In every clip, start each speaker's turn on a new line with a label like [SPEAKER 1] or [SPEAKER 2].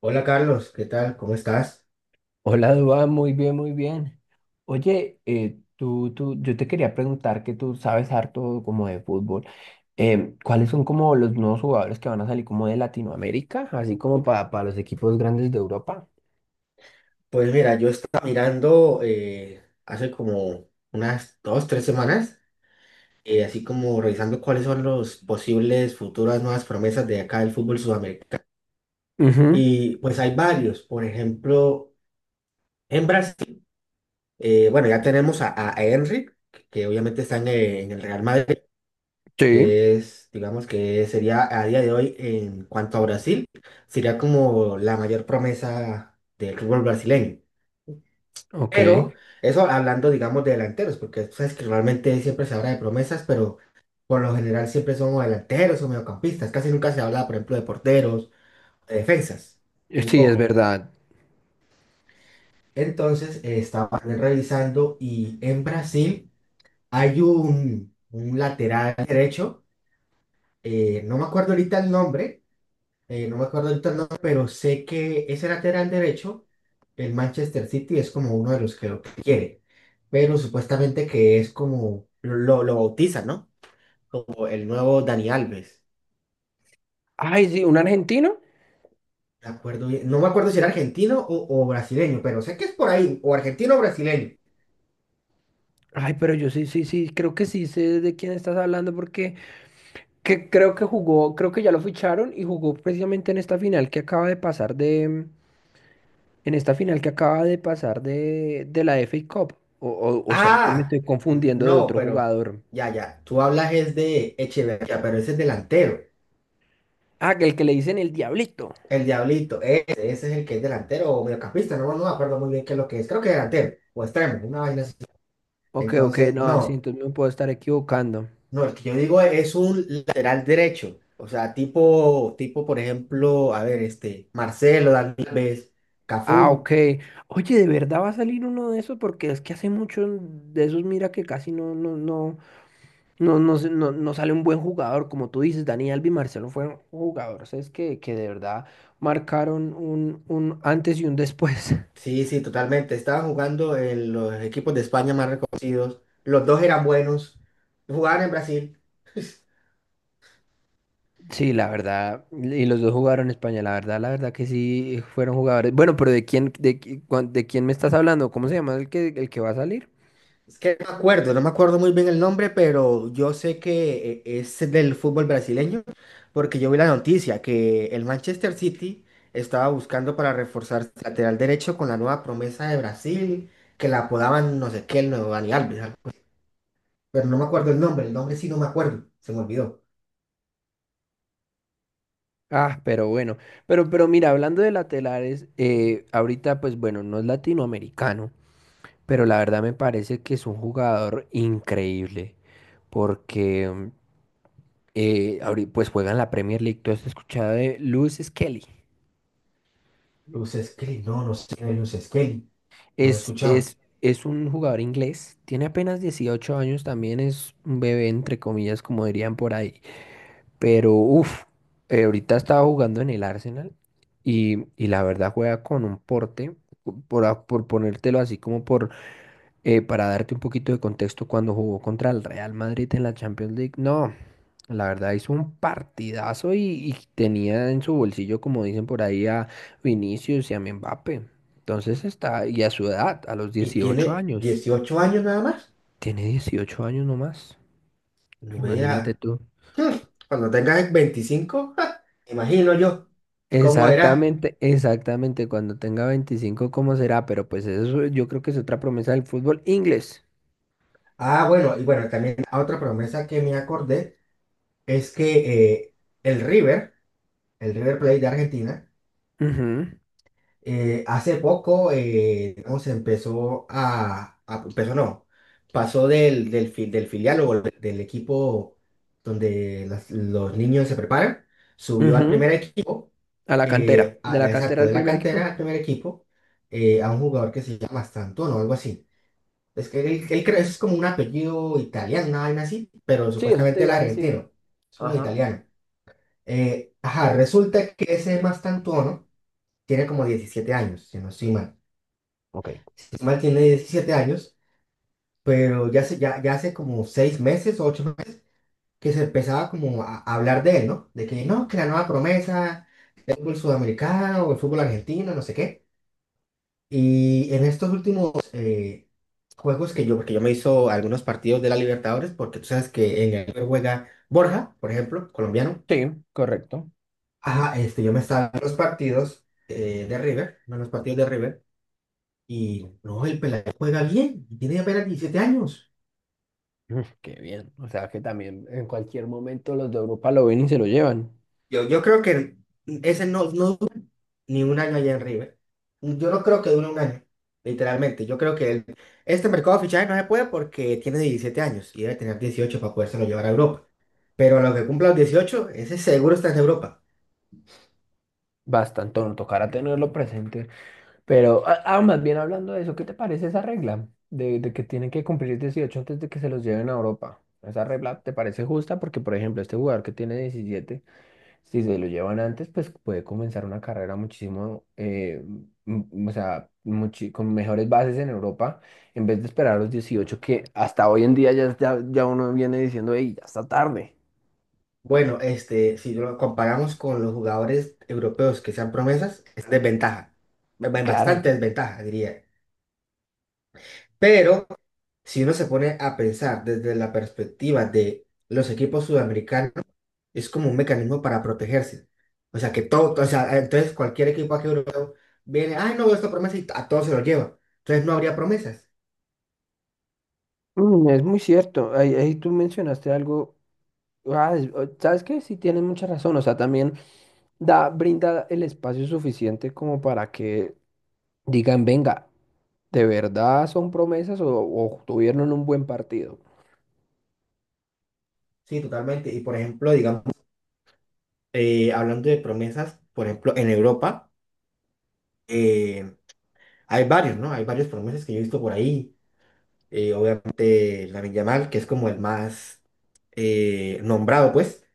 [SPEAKER 1] Hola Carlos, ¿qué tal? ¿Cómo estás?
[SPEAKER 2] Hola, Dua, muy bien, muy bien. Oye, yo te quería preguntar que tú sabes harto como de fútbol. ¿Cuáles son como los nuevos jugadores que van a salir como de Latinoamérica, así como para los equipos grandes de Europa?
[SPEAKER 1] Pues mira, yo estaba mirando hace como unas dos, tres semanas, así como revisando cuáles son los posibles futuras nuevas promesas de acá del fútbol sudamericano.
[SPEAKER 2] Ujú,
[SPEAKER 1] Y pues hay varios, por ejemplo, en Brasil, bueno, ya tenemos a, a Henry, que obviamente está en el Real Madrid,
[SPEAKER 2] sí,
[SPEAKER 1] que es, digamos que sería a día de hoy en cuanto a Brasil, sería como la mayor promesa del fútbol brasileño.
[SPEAKER 2] ok.
[SPEAKER 1] Pero eso hablando, digamos, de delanteros, porque tú sabes que normalmente siempre se habla de promesas, pero por lo general siempre son o delanteros o mediocampistas. Casi nunca se habla, por ejemplo, de porteros, de defensas, muy
[SPEAKER 2] Sí, es
[SPEAKER 1] poco.
[SPEAKER 2] verdad.
[SPEAKER 1] Entonces, estaba revisando y en Brasil hay un lateral derecho, no me acuerdo ahorita el nombre, no me acuerdo ahorita el nombre, pero sé que ese lateral derecho, el Manchester City es como uno de los que lo quiere, pero supuestamente que es como lo bautizan, ¿no? Como el nuevo Dani Alves.
[SPEAKER 2] Ay, sí, un argentino.
[SPEAKER 1] No me acuerdo si era argentino o brasileño, pero sé que es por ahí, o argentino o brasileño.
[SPEAKER 2] Ay, pero yo sí, sí, sí, creo que sí sé de quién estás hablando porque que creo que jugó, creo que ya lo ficharon y jugó precisamente en esta final que acaba de pasar de, en esta final que acaba de pasar de la FA Cup. O será que me
[SPEAKER 1] Ah,
[SPEAKER 2] estoy confundiendo de
[SPEAKER 1] no,
[SPEAKER 2] otro
[SPEAKER 1] pero
[SPEAKER 2] jugador.
[SPEAKER 1] ya, ya, tú hablas es de Echeverría, pero ese es delantero,
[SPEAKER 2] Ah, que el que le dicen el Diablito.
[SPEAKER 1] el Diablito, ese, es el que es delantero o mediocampista, no, no me acuerdo muy bien qué es lo que es, creo que delantero o extremo, una vaina así.
[SPEAKER 2] Ok, ok,
[SPEAKER 1] Entonces,
[SPEAKER 2] no, sí,
[SPEAKER 1] no,
[SPEAKER 2] entonces me puedo estar equivocando.
[SPEAKER 1] no, el que yo digo es un lateral derecho. O sea, tipo, por ejemplo, a ver, este, Marcelo, Dani Alves,
[SPEAKER 2] Ah,
[SPEAKER 1] Cafú.
[SPEAKER 2] ok. Oye, ¿de verdad va a salir uno de esos? Porque es que hace mucho de esos, mira que casi no sale un buen jugador. Como tú dices, Dani Alves y Marcelo fueron jugadores, es que de verdad marcaron un antes y un después.
[SPEAKER 1] Sí, sí, totalmente. Estaban jugando en los equipos de España más reconocidos. Los dos eran buenos. Jugaban en Brasil.
[SPEAKER 2] Sí, la verdad, y los dos jugaron España, la verdad que sí fueron jugadores. Bueno, pero ¿de quién, de, qui- cuan- de quién me estás hablando? ¿Cómo se llama el que va a salir?
[SPEAKER 1] Es que no me acuerdo, No me acuerdo muy bien el nombre, pero yo sé que es del fútbol brasileño, porque yo vi la noticia que el Manchester City estaba buscando para reforzar su lateral derecho con la nueva promesa de Brasil, que la apodaban no sé qué, el nuevo Dani Alves, algo. Pero no me acuerdo el nombre sí no me acuerdo, se me olvidó.
[SPEAKER 2] Ah, pero bueno, pero mira, hablando de laterales, ahorita pues bueno, no es latinoamericano, pero la verdad me parece que es un jugador increíble, porque pues juega en la Premier League. ¿Tú has escuchado de Lewis Skelly?
[SPEAKER 1] Luz Skelly, no, no sé, Luz Skelly, no lo he
[SPEAKER 2] Es,
[SPEAKER 1] escuchado.
[SPEAKER 2] es, es un jugador inglés, tiene apenas 18 años, también es un bebé, entre comillas, como dirían por ahí. Pero, uff, ahorita estaba jugando en el Arsenal y, la verdad juega con un porte, por ponértelo así como para darte un poquito de contexto. Cuando jugó contra el Real Madrid en la Champions League, no, la verdad hizo un partidazo y tenía en su bolsillo, como dicen por ahí, a Vinicius y a Mbappé. Y a su edad, a los
[SPEAKER 1] Y
[SPEAKER 2] 18
[SPEAKER 1] tiene
[SPEAKER 2] años,
[SPEAKER 1] 18 años nada más,
[SPEAKER 2] tiene 18 años nomás,
[SPEAKER 1] no
[SPEAKER 2] imagínate
[SPEAKER 1] era.
[SPEAKER 2] tú.
[SPEAKER 1] Hmm, Cuando tengas 25, ja, imagino yo cómo era.
[SPEAKER 2] Exactamente, exactamente, cuando tenga 25, ¿cómo será? Pero pues eso yo creo que es otra promesa del fútbol inglés.
[SPEAKER 1] Ah, bueno, y bueno, también otra promesa que me acordé es que el River, el River Plate de Argentina,
[SPEAKER 2] Ujú,
[SPEAKER 1] hace poco, digamos, empezó a- empezó no, pasó del filial o del equipo donde los niños se preparan, subió al
[SPEAKER 2] ujú.
[SPEAKER 1] primer equipo,
[SPEAKER 2] A la cantera, de la cantera
[SPEAKER 1] exacto,
[SPEAKER 2] al
[SPEAKER 1] de la
[SPEAKER 2] primer equipo.
[SPEAKER 1] cantera al primer equipo, a un jugador que se llama Santón o algo así. Es que él creo es como un apellido italiano, una vaina así, pero
[SPEAKER 2] Sí, eso te
[SPEAKER 1] supuestamente él es
[SPEAKER 2] iba a decir.
[SPEAKER 1] argentino. Es como
[SPEAKER 2] Ajá.
[SPEAKER 1] italiano. Ajá, resulta que ese Mastantuono tiene como 17 años, si no estoy mal.
[SPEAKER 2] Ok.
[SPEAKER 1] Si no estoy mal, tiene 17 años, pero ya hace como 6 meses o 8 meses que se empezaba como a hablar de él, ¿no? De que no, que la nueva promesa del fútbol sudamericano o el fútbol argentino, no sé qué. Y en estos últimos juegos que yo, porque yo me hizo algunos partidos de la Libertadores, porque tú sabes que en el River juega Borja, por ejemplo, colombiano.
[SPEAKER 2] Sí, correcto.
[SPEAKER 1] Ajá, este, yo me estaba en los partidos en los partidos de River, y no, el pelado juega bien, y tiene apenas 17 años.
[SPEAKER 2] Mm, qué bien. O sea que también en cualquier momento los de Europa lo ven y se lo llevan.
[SPEAKER 1] Yo creo que ese no, no duró ni un año allá en River. Yo no creo que dure un año, literalmente. Yo creo que este mercado de fichajes no se puede porque tiene 17 años y debe tener 18 para podérselo llevar a Europa. Pero a lo que cumpla los 18 ese seguro está en Europa.
[SPEAKER 2] Bastante, no tocará tenerlo presente. Pero, más bien hablando de eso, ¿qué te parece esa regla de que tienen que cumplir 18 antes de que se los lleven a Europa? ¿Esa regla te parece justa? Porque, por ejemplo, este jugador que tiene 17. Si se lo llevan antes, pues puede comenzar una carrera muchísimo, o sea, con mejores bases en Europa, en vez de esperar a los 18, que hasta hoy en día ya uno viene diciendo, hey, ya está tarde.
[SPEAKER 1] Bueno, este, si lo comparamos con los jugadores europeos que sean promesas, es desventaja,
[SPEAKER 2] Claro.
[SPEAKER 1] bastante desventaja, diría. Pero si uno se pone a pensar desde la perspectiva de los equipos sudamericanos, es como un mecanismo para protegerse. O sea, que todo, o sea, entonces cualquier equipo aquí europeo viene, ay, no veo esta promesa y a todos se lo lleva. Entonces no habría promesas.
[SPEAKER 2] Mm, es muy cierto. Ahí tú mencionaste algo. Ah, ¿sabes qué? Sí, tienes mucha razón. O sea, también da, brinda el espacio suficiente como para que digan, venga, ¿de verdad son promesas o tuvieron un buen partido?
[SPEAKER 1] Sí, totalmente. Y por ejemplo, digamos, hablando de promesas, por ejemplo, en Europa. eh, Hay varios, ¿no? Hay varios promesas que yo he visto por ahí. Obviamente, Lamine Yamal, que es como el más nombrado, pues,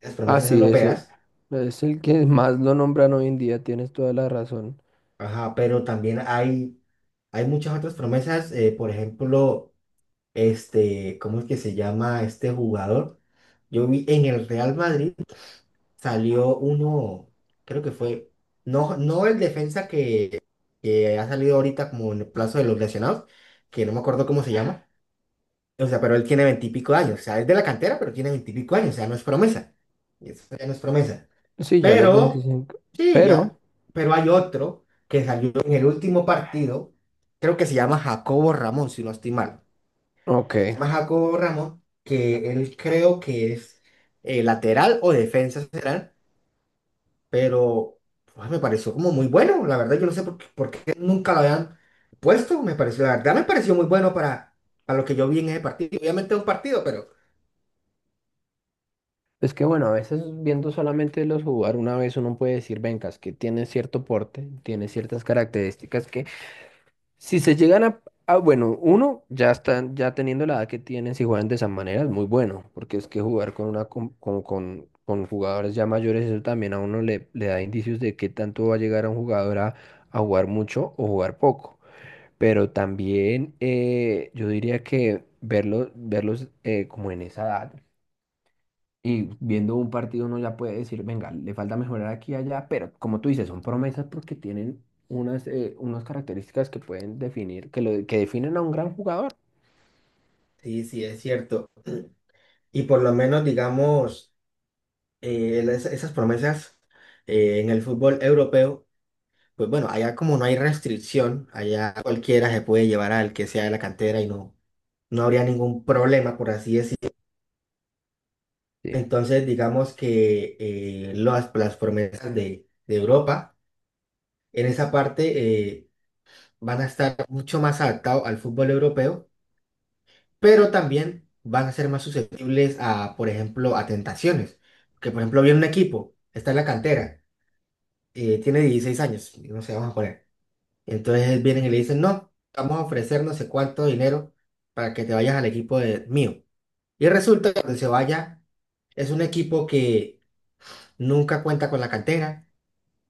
[SPEAKER 1] las
[SPEAKER 2] Ah,
[SPEAKER 1] promesas
[SPEAKER 2] sí, ese
[SPEAKER 1] europeas.
[SPEAKER 2] es el que más lo nombran hoy en día, tienes toda la razón.
[SPEAKER 1] Ajá, pero también hay muchas otras promesas. Por ejemplo, este, ¿cómo es que se llama este jugador? Yo vi en el Real Madrid salió uno, creo que fue, no, no el defensa que ha salido ahorita como en el plazo de los lesionados, que no me acuerdo cómo se llama. O sea, pero él tiene veintipico de años. O sea, es de la cantera, pero tiene veintipico años. O sea, no es promesa. Y eso ya no es promesa.
[SPEAKER 2] Sí, ya los
[SPEAKER 1] Pero,
[SPEAKER 2] 25.
[SPEAKER 1] sí, ya.
[SPEAKER 2] pero,
[SPEAKER 1] Pero hay otro que salió en el último partido. Creo que se llama Jacobo Ramón, si no estoy mal. Se
[SPEAKER 2] ok.
[SPEAKER 1] llama Jacobo Ramón, que él creo que es lateral o defensa central, pero pues, me pareció como muy bueno. La verdad, yo no sé por qué nunca lo habían puesto. Me pareció, la verdad, me pareció muy bueno para, lo que yo vi en ese partido. Obviamente es un partido, pero.
[SPEAKER 2] Es que bueno, a veces viendo solamente los jugar una vez uno puede decir, vengas, que tiene cierto porte, tiene ciertas características que si se llegan a, bueno, uno ya están, ya teniendo la edad que tienen, si juegan de esa manera es muy bueno, porque es que jugar con una com- con jugadores ya mayores, eso también a uno le da indicios de qué tanto va a llegar a un jugador a jugar mucho o jugar poco. Pero también yo diría que verlos, como en esa edad y viendo un partido uno ya puede decir, venga, le falta mejorar aquí y allá, pero como tú dices, son promesas porque tienen unas, unas características que pueden definir, que, lo, que definen a un gran jugador.
[SPEAKER 1] Sí, sí, es cierto. Y por lo menos, digamos, esas promesas en el fútbol europeo, pues bueno, allá como no hay restricción, allá cualquiera se puede llevar al que sea de la cantera y no, no habría ningún problema, por así decirlo.
[SPEAKER 2] Sí.
[SPEAKER 1] Entonces, digamos que las promesas de Europa en esa parte van a estar mucho más adaptados al fútbol europeo pero también van a ser más susceptibles a, por ejemplo, a tentaciones. Que, por ejemplo, viene un equipo, está en la cantera, tiene 16 años, no sé, vamos a poner. Entonces vienen y le
[SPEAKER 2] Ujú.
[SPEAKER 1] dicen, no, vamos a ofrecer no sé cuánto dinero para que te vayas al equipo de, mío. Y resulta que cuando se vaya, es un equipo que nunca cuenta con la cantera,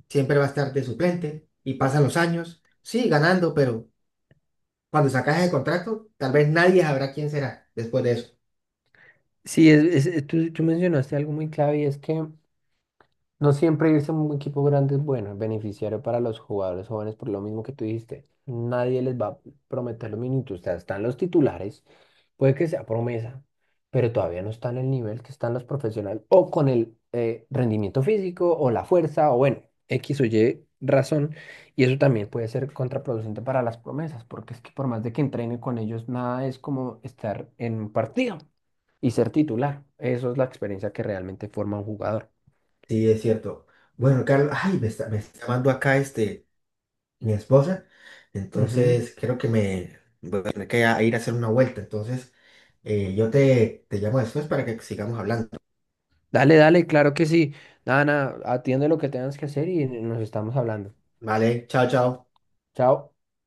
[SPEAKER 1] siempre va a estar de suplente y pasan los años, sí, ganando, pero cuando sacas el contrato, tal vez nadie sabrá quién será después de eso.
[SPEAKER 2] Tú mencionaste algo muy clave, y es que no siempre irse a un equipo grande es bueno, es beneficiario para los jugadores jóvenes por lo mismo que tú dijiste. Nadie les va a prometer los minutos. O sea, están los titulares, puede que sea promesa, pero todavía no están en el nivel que están los profesionales o con el rendimiento físico o la fuerza o bueno, X o Y razón. Y eso también puede ser contraproducente para las promesas, porque es que por más de que entrenen con ellos, nada es como estar en un partido y ser titular. Eso es la experiencia que realmente forma un jugador.
[SPEAKER 1] Sí, es cierto. Bueno, Carlos, ay, me está llamando acá este, mi esposa.
[SPEAKER 2] Ujú.
[SPEAKER 1] Entonces, creo que me voy a tener que ir a hacer una vuelta. Entonces, yo te llamo después para que sigamos hablando.
[SPEAKER 2] Dale, dale, claro que sí. Nada, nada, atiende lo que tengas que hacer y nos estamos hablando.
[SPEAKER 1] Vale, chao, chao.
[SPEAKER 2] Chao.